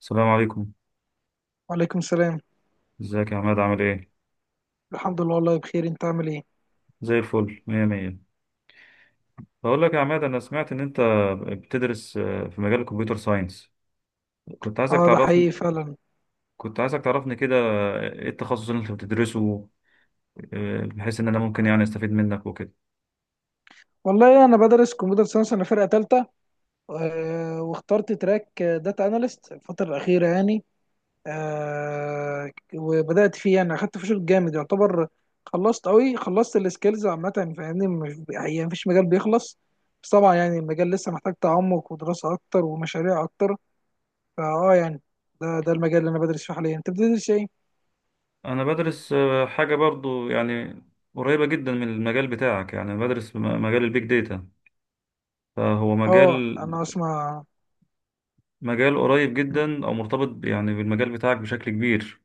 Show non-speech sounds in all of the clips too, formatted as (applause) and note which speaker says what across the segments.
Speaker 1: السلام عليكم.
Speaker 2: وعليكم السلام.
Speaker 1: ازيك يا عماد، عامل ايه؟
Speaker 2: الحمد لله والله بخير، انت عامل ايه؟
Speaker 1: زي الفل، مية مية. بقول لك يا عماد، انا سمعت ان انت بتدرس في مجال الكمبيوتر ساينس. كنت عايزك
Speaker 2: اه ده حقيقي
Speaker 1: تعرفني
Speaker 2: فعلا.
Speaker 1: كنت عايزك تعرفني كده، ايه التخصص اللي انت بتدرسه؟ بحيث ان انا ممكن يعني استفيد منك وكده.
Speaker 2: والله انا بدرس كمبيوتر ساينس، انا فرقه ثالثه، واخترت تراك داتا اناليست الفتره الاخيره يعني. وبدات فيه يعني، اخدت فيه شغل جامد يعتبر، خلصت قوي، خلصت السكيلز عامه يعني، فاهمني، يعني مفيش مجال بيخلص، بس طبعا يعني المجال لسه محتاج تعمق ودراسه اكتر ومشاريع اكتر. يعني ده المجال اللي انا بدرس فيه حاليا. انت بتدرس ايه؟
Speaker 1: انا بدرس حاجة برضو يعني قريبة جدا من المجال بتاعك، يعني بدرس مجال البيج داتا. فهو
Speaker 2: اه،
Speaker 1: مجال
Speaker 2: انا اسمع.
Speaker 1: مجال قريب جدا او مرتبط يعني بالمجال بتاعك بشكل كبير.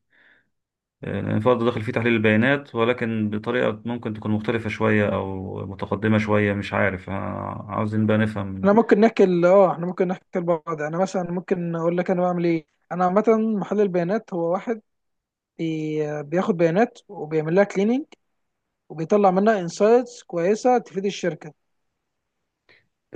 Speaker 1: فرض داخل فيه تحليل البيانات، ولكن بطريقة ممكن تكون مختلفة شوية أو متقدمة شوية، مش عارف، عاوزين بقى
Speaker 2: احنا
Speaker 1: نفهم.
Speaker 2: ممكن نحكي ال- اه احنا ممكن نحكي لبعض، يعني مثلا ممكن اقول لك انا بعمل ايه. انا عامه محلل بيانات، هو واحد بياخد بيانات وبيعمل لها كليننج، وبيطلع منها انسايتس كويسه تفيد الشركه،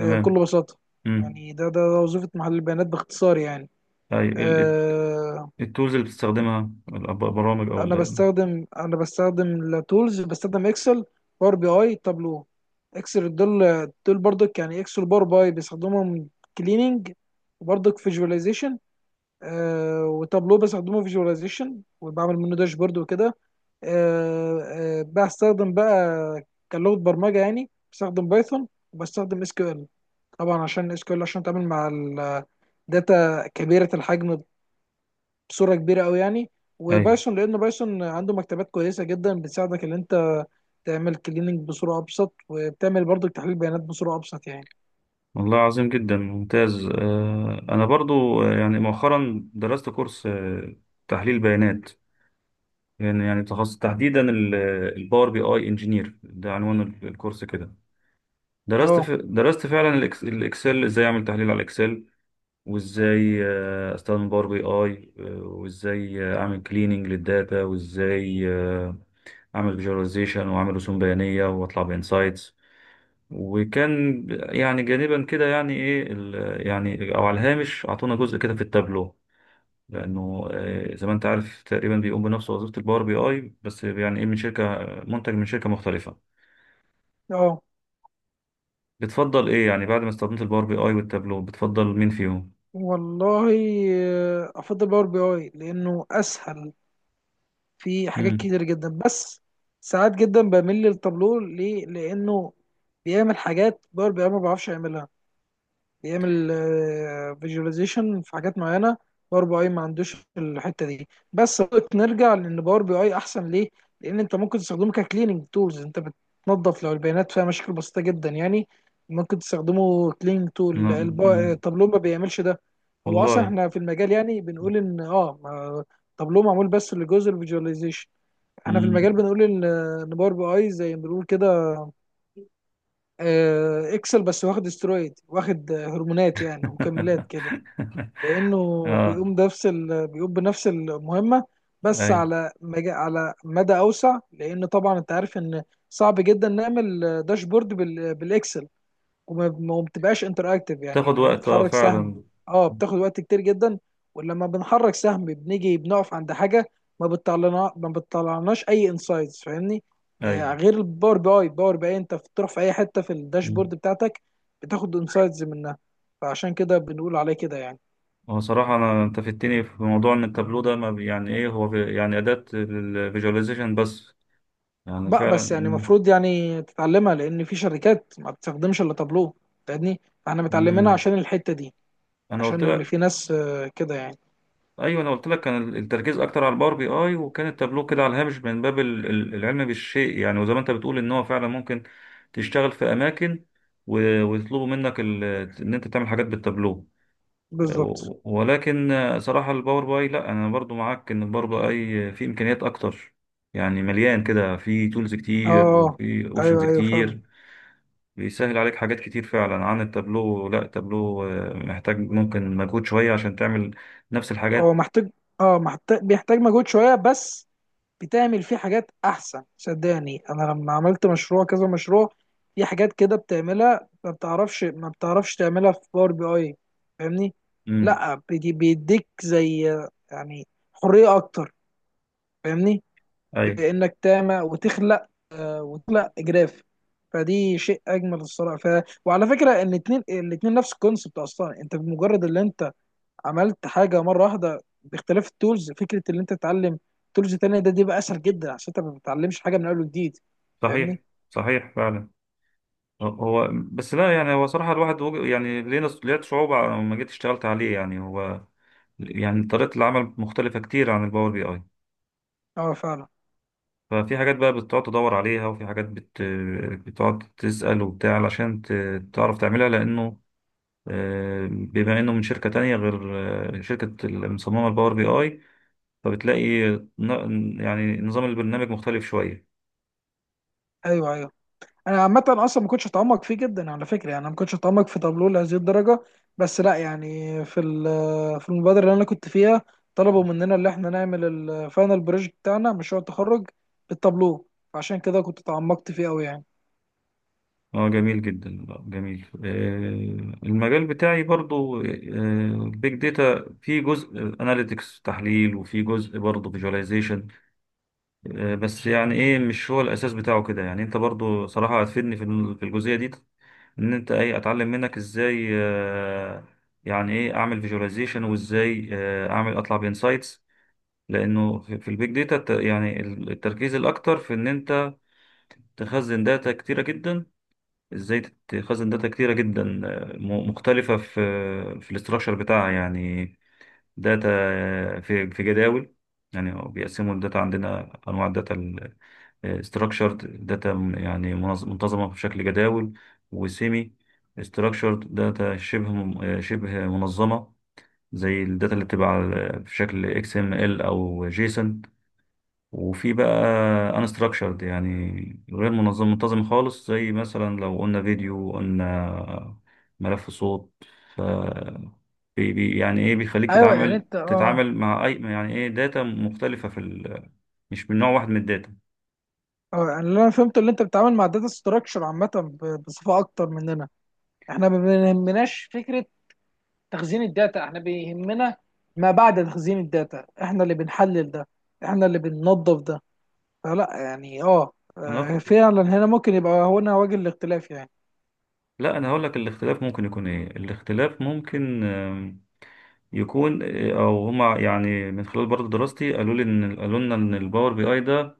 Speaker 2: بكل بساطه.
Speaker 1: امم.
Speaker 2: يعني ده وظيفه محلل البيانات باختصار يعني.
Speaker 1: أي،
Speaker 2: آه،
Speaker 1: التولز اللي بتستخدمها، البرامج أو
Speaker 2: انا بستخدم انا بستخدم التولز، بستخدم اكسل، باور بي اي، تابلو. اكسل دول برضك، يعني اكسل باور بي اي بيستخدمهم كليننج وبرضك فيجواليزيشن. وتابلو بستخدمه فيجواليزيشن وبعمل منه داشبورد وكده. آه بستخدم بقى كلغة برمجة يعني بستخدم بايثون، وبستخدم اس كيو ال. طبعا عشان اس كيو ال عشان اتعامل مع الداتا كبيرة الحجم بصورة كبيرة قوي يعني،
Speaker 1: أي.
Speaker 2: وبايثون لان بايثون عنده مكتبات كويسة جدا بتساعدك ان انت تعمل كليننج بصورة ابسط، وبتعمل برضو تحليل بيانات بصورة ابسط يعني.
Speaker 1: والله عظيم جدا، ممتاز. أنا برضو يعني مؤخرا درست كورس تحليل بيانات. يعني تخصص تحديدا الباور بي اي انجينير، ده عنوان الكورس كده.
Speaker 2: اه
Speaker 1: درست فعلا الاكسل ازاي اعمل تحليل على الاكسل، وازاي استخدم باور بي اي، وازاي اعمل كليننج للداتا، وازاي اعمل فيجواليزيشن واعمل رسوم بيانيه واطلع بانسايتس. وكان يعني جانبا كده، يعني ايه، يعني او على الهامش، اعطونا جزء كده في التابلو، لانه زي ما انت عارف تقريبا بيقوم بنفس وظيفه الباور بي اي، بس يعني ايه من شركه، منتج من شركه مختلفه.
Speaker 2: اه.
Speaker 1: بتفضل ايه يعني، بعد ما استخدمت الباور بي اي والتابلو، بتفضل مين فيهم؟
Speaker 2: والله افضل باور بي اي لانه اسهل في حاجات
Speaker 1: امم.
Speaker 2: كتير جدا، بس ساعات جدا بميل للتابلو ليه؟ لانه بيعمل حاجات باور بي اي ما بعرفش يعملها، بيعمل فيجواليزيشن في حاجات معينه باور بي اي ما عندوش الحته دي. بس نرجع لان باور بي اي احسن ليه، لان انت ممكن تستخدمه ككليننج تولز، انت بتنظف لو البيانات فيها مشاكل بسيطه جدا يعني، ممكن تستخدمه كليننج تول، التابلو ما بيعملش ده. هو اصلا
Speaker 1: والله.
Speaker 2: احنا في المجال يعني بنقول ان تابلو معمول بس لجزء الفيجواليزيشن. احنا في المجال بنقول ان باور بي اي زي ما بنقول كده، اكسل بس واخد استرويد واخد هرمونات يعني ومكملات كده.
Speaker 1: (laughs)
Speaker 2: لانه
Speaker 1: اه.
Speaker 2: بيقوم بنفس المهمه، بس
Speaker 1: اي.
Speaker 2: على مدى اوسع، لان طبعا انت عارف ان صعب جدا نعمل داشبورد بالاكسل، وما وما بتبقاش انتراكتيف، يعني
Speaker 1: تاخد
Speaker 2: لما
Speaker 1: وقت،
Speaker 2: بتحرك سهم،
Speaker 1: فعلا.
Speaker 2: اه بتاخد وقت كتير جدا. ولما بنحرك سهم بنيجي بنقف عند حاجه، ما بتطلعناش اي انسايتس، فاهمني.
Speaker 1: اي.
Speaker 2: آه غير الباور بي اي انت بتروح في اي حته في
Speaker 1: مم.
Speaker 2: الداشبورد بتاعتك، بتاخد انسايتس منها. فعشان كده بنقول عليه كده يعني.
Speaker 1: هو صراحة، أنا أنت فدتني في موضوع إن التابلو ده ما بي- يعني إيه، هو يعني أداة للفيجواليزيشن بس، يعني
Speaker 2: بقى
Speaker 1: فعلا.
Speaker 2: بس يعني
Speaker 1: مم.
Speaker 2: المفروض يعني تتعلمها، لان في شركات ما بتستخدمش الا تابلو، فاهمني. احنا متعلمينها
Speaker 1: مم.
Speaker 2: عشان الحته دي،
Speaker 1: أنا قلت
Speaker 2: عشان اللي
Speaker 1: لك.
Speaker 2: في ناس كده يعني.
Speaker 1: أيوه، أنا قلت لك كان التركيز أكتر على الباور بي أي، وكان التابلو كده على الهامش، من باب العلم بالشيء يعني. وزي ما أنت بتقول إن هو فعلا ممكن تشتغل في أماكن ويطلبوا منك إن أنت تعمل حاجات بالتابلو.
Speaker 2: بالظبط.
Speaker 1: ولكن صراحة الباور باي، لا، أنا برضو معاك إن الباور باي فيه إمكانيات أكتر، يعني مليان كده، فيه تولز كتير
Speaker 2: اه،
Speaker 1: وفيه أوبشنز
Speaker 2: ايوه ايوه فعلا.
Speaker 1: كتير. بيسهل عليك حاجات كتير فعلا عن التابلو. لا، التابلو محتاج ممكن مجهود شوية عشان تعمل نفس
Speaker 2: اه
Speaker 1: الحاجات.
Speaker 2: محتاج، اه محتاج، بيحتاج مجهود شويه، بس بتعمل فيه حاجات احسن. صدقني انا لما عملت مشروع كذا مشروع، في حاجات كده بتعملها ما بتعرفش تعملها في باور بي اي، فاهمني.
Speaker 1: امم.
Speaker 2: لا بيديك زي يعني حريه اكتر، فاهمني،
Speaker 1: أي.
Speaker 2: بانك تعمل وتخلق جراف، فدي شيء اجمل الصراحه. وعلى فكره ان الاتنين نفس الكونسبت اصلا. انت بمجرد اللي انت عملت حاجه مره واحده باختلاف التولز، فكره ان انت تتعلم تولز تانية دي بقى اسهل جدا، عشان انت ما بتتعلمش حاجه من اول وجديد،
Speaker 1: صحيح.
Speaker 2: فاهمني.
Speaker 1: صحيح فعلا. هو بس لا يعني، هو صراحة الواحد يعني لينا، لقيت صعوبة لما جيت اشتغلت عليه، يعني هو يعني طريقة العمل مختلفة كتير عن الباور بي اي.
Speaker 2: اه فعلا.
Speaker 1: ففي حاجات بقى بتقعد تدور عليها، وفي حاجات بتقعد تسأل وبتاع علشان تعرف تعملها، لأنه بما إنه من شركة تانية غير شركة المصممة الباور بي آي، فبتلاقي يعني نظام البرنامج مختلف شوية.
Speaker 2: ايوه ايوه. انا عامه اصلا ما كنتش اتعمق فيه جدا على فكره، يعني انا ما كنتش اتعمق في تابلو لهذه الدرجه، بس لا يعني في في المبادره اللي انا كنت فيها طلبوا مننا اللي احنا نعمل الفاينل بروجكت بتاعنا مشروع التخرج بالتابلو، فعشان كده كنت اتعمقت فيه قوي يعني.
Speaker 1: اه، جميل جدا. جميل. المجال بتاعي برضو بيج داتا، في جزء اناليتكس تحليل، وفي جزء برضو فيجواليزيشن، بس يعني ايه، مش هو الاساس بتاعه كده يعني. انت برضو صراحة هتفيدني في في الجزئية دي، ان انت ايه اتعلم منك ازاي، يعني ايه اعمل فيجواليزيشن، وازاي اعمل اطلع بانسايتس. لانه في البيج داتا، يعني التركيز الاكتر في ان انت تخزن داتا كتيره جدا. ازاي تخزن داتا كتيره جدا مختلفه في في الاستراكشر بتاعها يعني، داتا في في جداول. يعني بيقسموا الداتا، عندنا انواع الداتا، ستراكشرد داتا يعني منتظمه بشكل جداول، وسيمي ستراكشرد داتا شبه شبه منظمه، زي الداتا اللي بتبقى في شكل XML او جيسون. وفي بقى انستراكشرد، يعني غير منتظم خالص، زي مثلا لو قلنا فيديو، قلنا ملف صوت. بي يعني ايه، بيخليك
Speaker 2: ايوه يعني
Speaker 1: تتعامل
Speaker 2: انت اه
Speaker 1: تتعامل مع اي يعني ايه داتا مختلفة في مش من نوع واحد من الداتا.
Speaker 2: اه، يعني اللي انا فهمته اللي انت بتتعامل مع داتا ستراكشر عامه بصفه اكتر مننا. احنا ما بيهمناش فكره تخزين الداتا، احنا بيهمنا ما بعد تخزين الداتا، احنا اللي بنحلل ده، احنا اللي بننظف ده. فلا يعني اه،
Speaker 1: انا أخ...
Speaker 2: فعلا هنا ممكن يبقى هنا وجه الاختلاف يعني.
Speaker 1: لا، انا هقول لك الاختلاف ممكن يكون ايه. الاختلاف ممكن يكون او هما يعني، من خلال برضه دراستي، قالوا لنا ان الباور بي اي ده،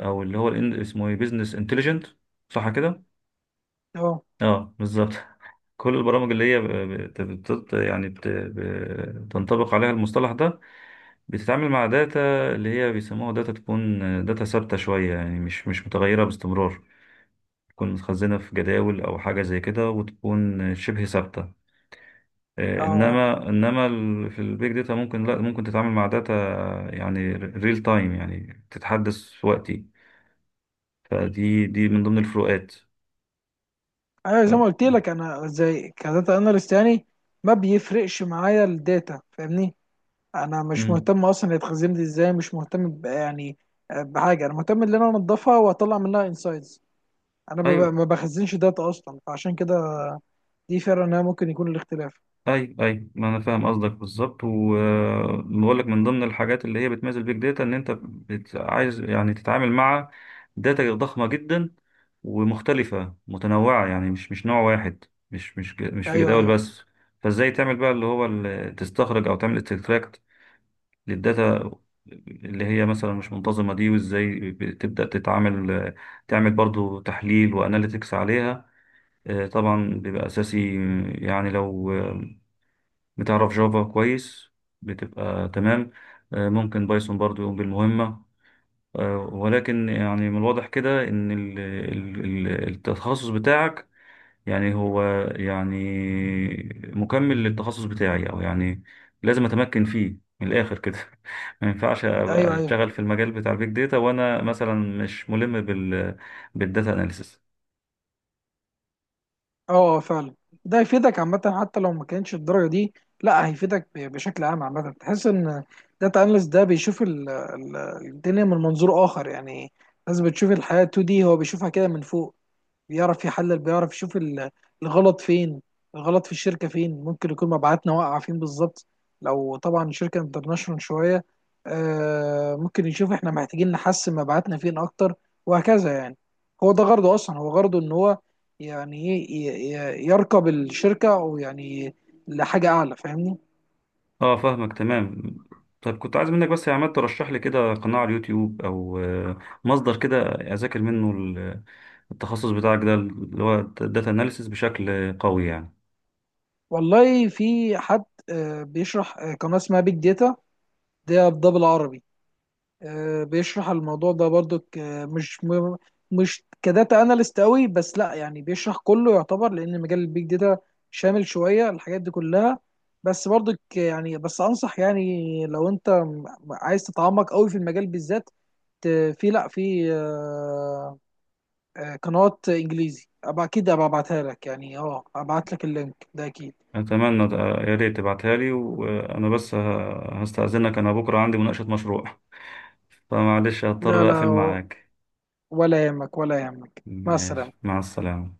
Speaker 1: او اللي هو اسمه ايه، بزنس انتليجنت، صح كده؟
Speaker 2: اه
Speaker 1: اه، بالظبط. (laughs) كل البرامج اللي هي بت- بت- يعني بت- بتنطبق عليها المصطلح ده، بتتعامل مع داتا اللي هي بيسموها داتا، تكون داتا ثابتة شوية، يعني مش متغيرة باستمرار، تكون متخزنة في جداول أو حاجة زي كده، وتكون شبه ثابتة.
Speaker 2: اه.
Speaker 1: إنما في البيج داتا ممكن، لا ممكن تتعامل مع داتا يعني ريل تايم، يعني تتحدث في وقتي. فدي دي من ضمن الفروقات.
Speaker 2: انا زي
Speaker 1: ف...
Speaker 2: ما قلت لك انا زي كداتا اناليست يعني ما بيفرقش معايا الداتا، فاهمني. انا مش
Speaker 1: مم.
Speaker 2: مهتم اصلا هي اتخزنت ازاي، مش مهتم يعني بحاجه، انا مهتم ان انا انضفها واطلع منها انسايتس. انا
Speaker 1: أيوة.
Speaker 2: ما بخزنش داتا اصلا، فعشان كده دي فعلا انها ممكن يكون الاختلاف.
Speaker 1: اي، اي، ما انا فاهم قصدك بالظبط، وبقول لك من ضمن الحاجات اللي هي بتميز البيج داتا ان انت عايز يعني تتعامل مع داتا ضخمه جدا، ومختلفه متنوعه، يعني مش نوع واحد، مش في
Speaker 2: ايوه
Speaker 1: جداول
Speaker 2: ايوه.
Speaker 1: بس. فازاي تعمل بقى، اللي هو تستخرج او تعمل استكتراكت للداتا اللي هي مثلا مش منتظمه دي، وازاي بتبدا تتعامل، تعمل برضو تحليل واناليتكس عليها. طبعا بيبقى اساسي يعني، لو بتعرف جافا كويس بتبقى تمام. ممكن بايثون برضو يقوم بالمهمة. ولكن يعني من الواضح كده إن التخصص بتاعك، يعني هو يعني مكمل للتخصص بتاعي، أو يعني لازم أتمكن فيه من الآخر كده. (laughs) ما ينفعش أبقى
Speaker 2: ايوه ايوه.
Speaker 1: أشتغل في المجال بتاع البيج داتا وأنا مثلا مش ملم بالداتا أناليسيس.
Speaker 2: اه، فعلا. ده هيفيدك عامة حتى لو ما كانش الدرجة دي، لا هيفيدك بشكل عام. عامة تحس ان داتا اناليست ده بيشوف الدنيا من منظور اخر يعني، الناس بتشوف الحياة 2D هو بيشوفها كده من فوق. بيعرف يحلل، بيعرف يشوف الغلط فين، الغلط في الشركة فين، ممكن يكون مبيعاتنا واقعة فين بالظبط. لو طبعا شركة انترناشونال شوية، ممكن يشوف احنا محتاجين نحسن مبيعاتنا فين اكتر، وهكذا يعني. هو ده غرضه اصلا، هو غرضه ان هو يعني ايه يركب الشركة او يعني لحاجة اعلى، فاهمني.
Speaker 1: اه، فاهمك تمام. طيب كنت عايز منك بس يا عماد ترشح لي كده قناة على اليوتيوب او مصدر كده اذاكر منه التخصص بتاعك ده اللي هو داتا اناليسيس بشكل قوي يعني.
Speaker 2: والله في حد بيشرح، قناة اسمها بيج داتا، ده بالعربي، بيشرح الموضوع ده برضو مش م- مش كداتا اناليست قوي بس، لا يعني بيشرح كله يعتبر، لان مجال البيج داتا شامل شويه الحاجات دي كلها. بس برضو يعني بس انصح يعني، لو انت عايز تتعمق قوي في المجال بالذات، ت- في لا في آه، آه، قنوات انجليزي أبقى اكيد ابقى ابعتها لك يعني، اه ابعت لك اللينك ده اكيد.
Speaker 1: اتمنى يا ريت تبعتها لي. وانا بس هستأذنك، انا بكرة عندي مناقشة مشروع. (laughs) فمعلش
Speaker 2: لا
Speaker 1: هضطر اقفل
Speaker 2: لا،
Speaker 1: معاك.
Speaker 2: ولا يهمك، ولا يهمك، مع
Speaker 1: ماشي،
Speaker 2: السلامه.
Speaker 1: مع السلامة.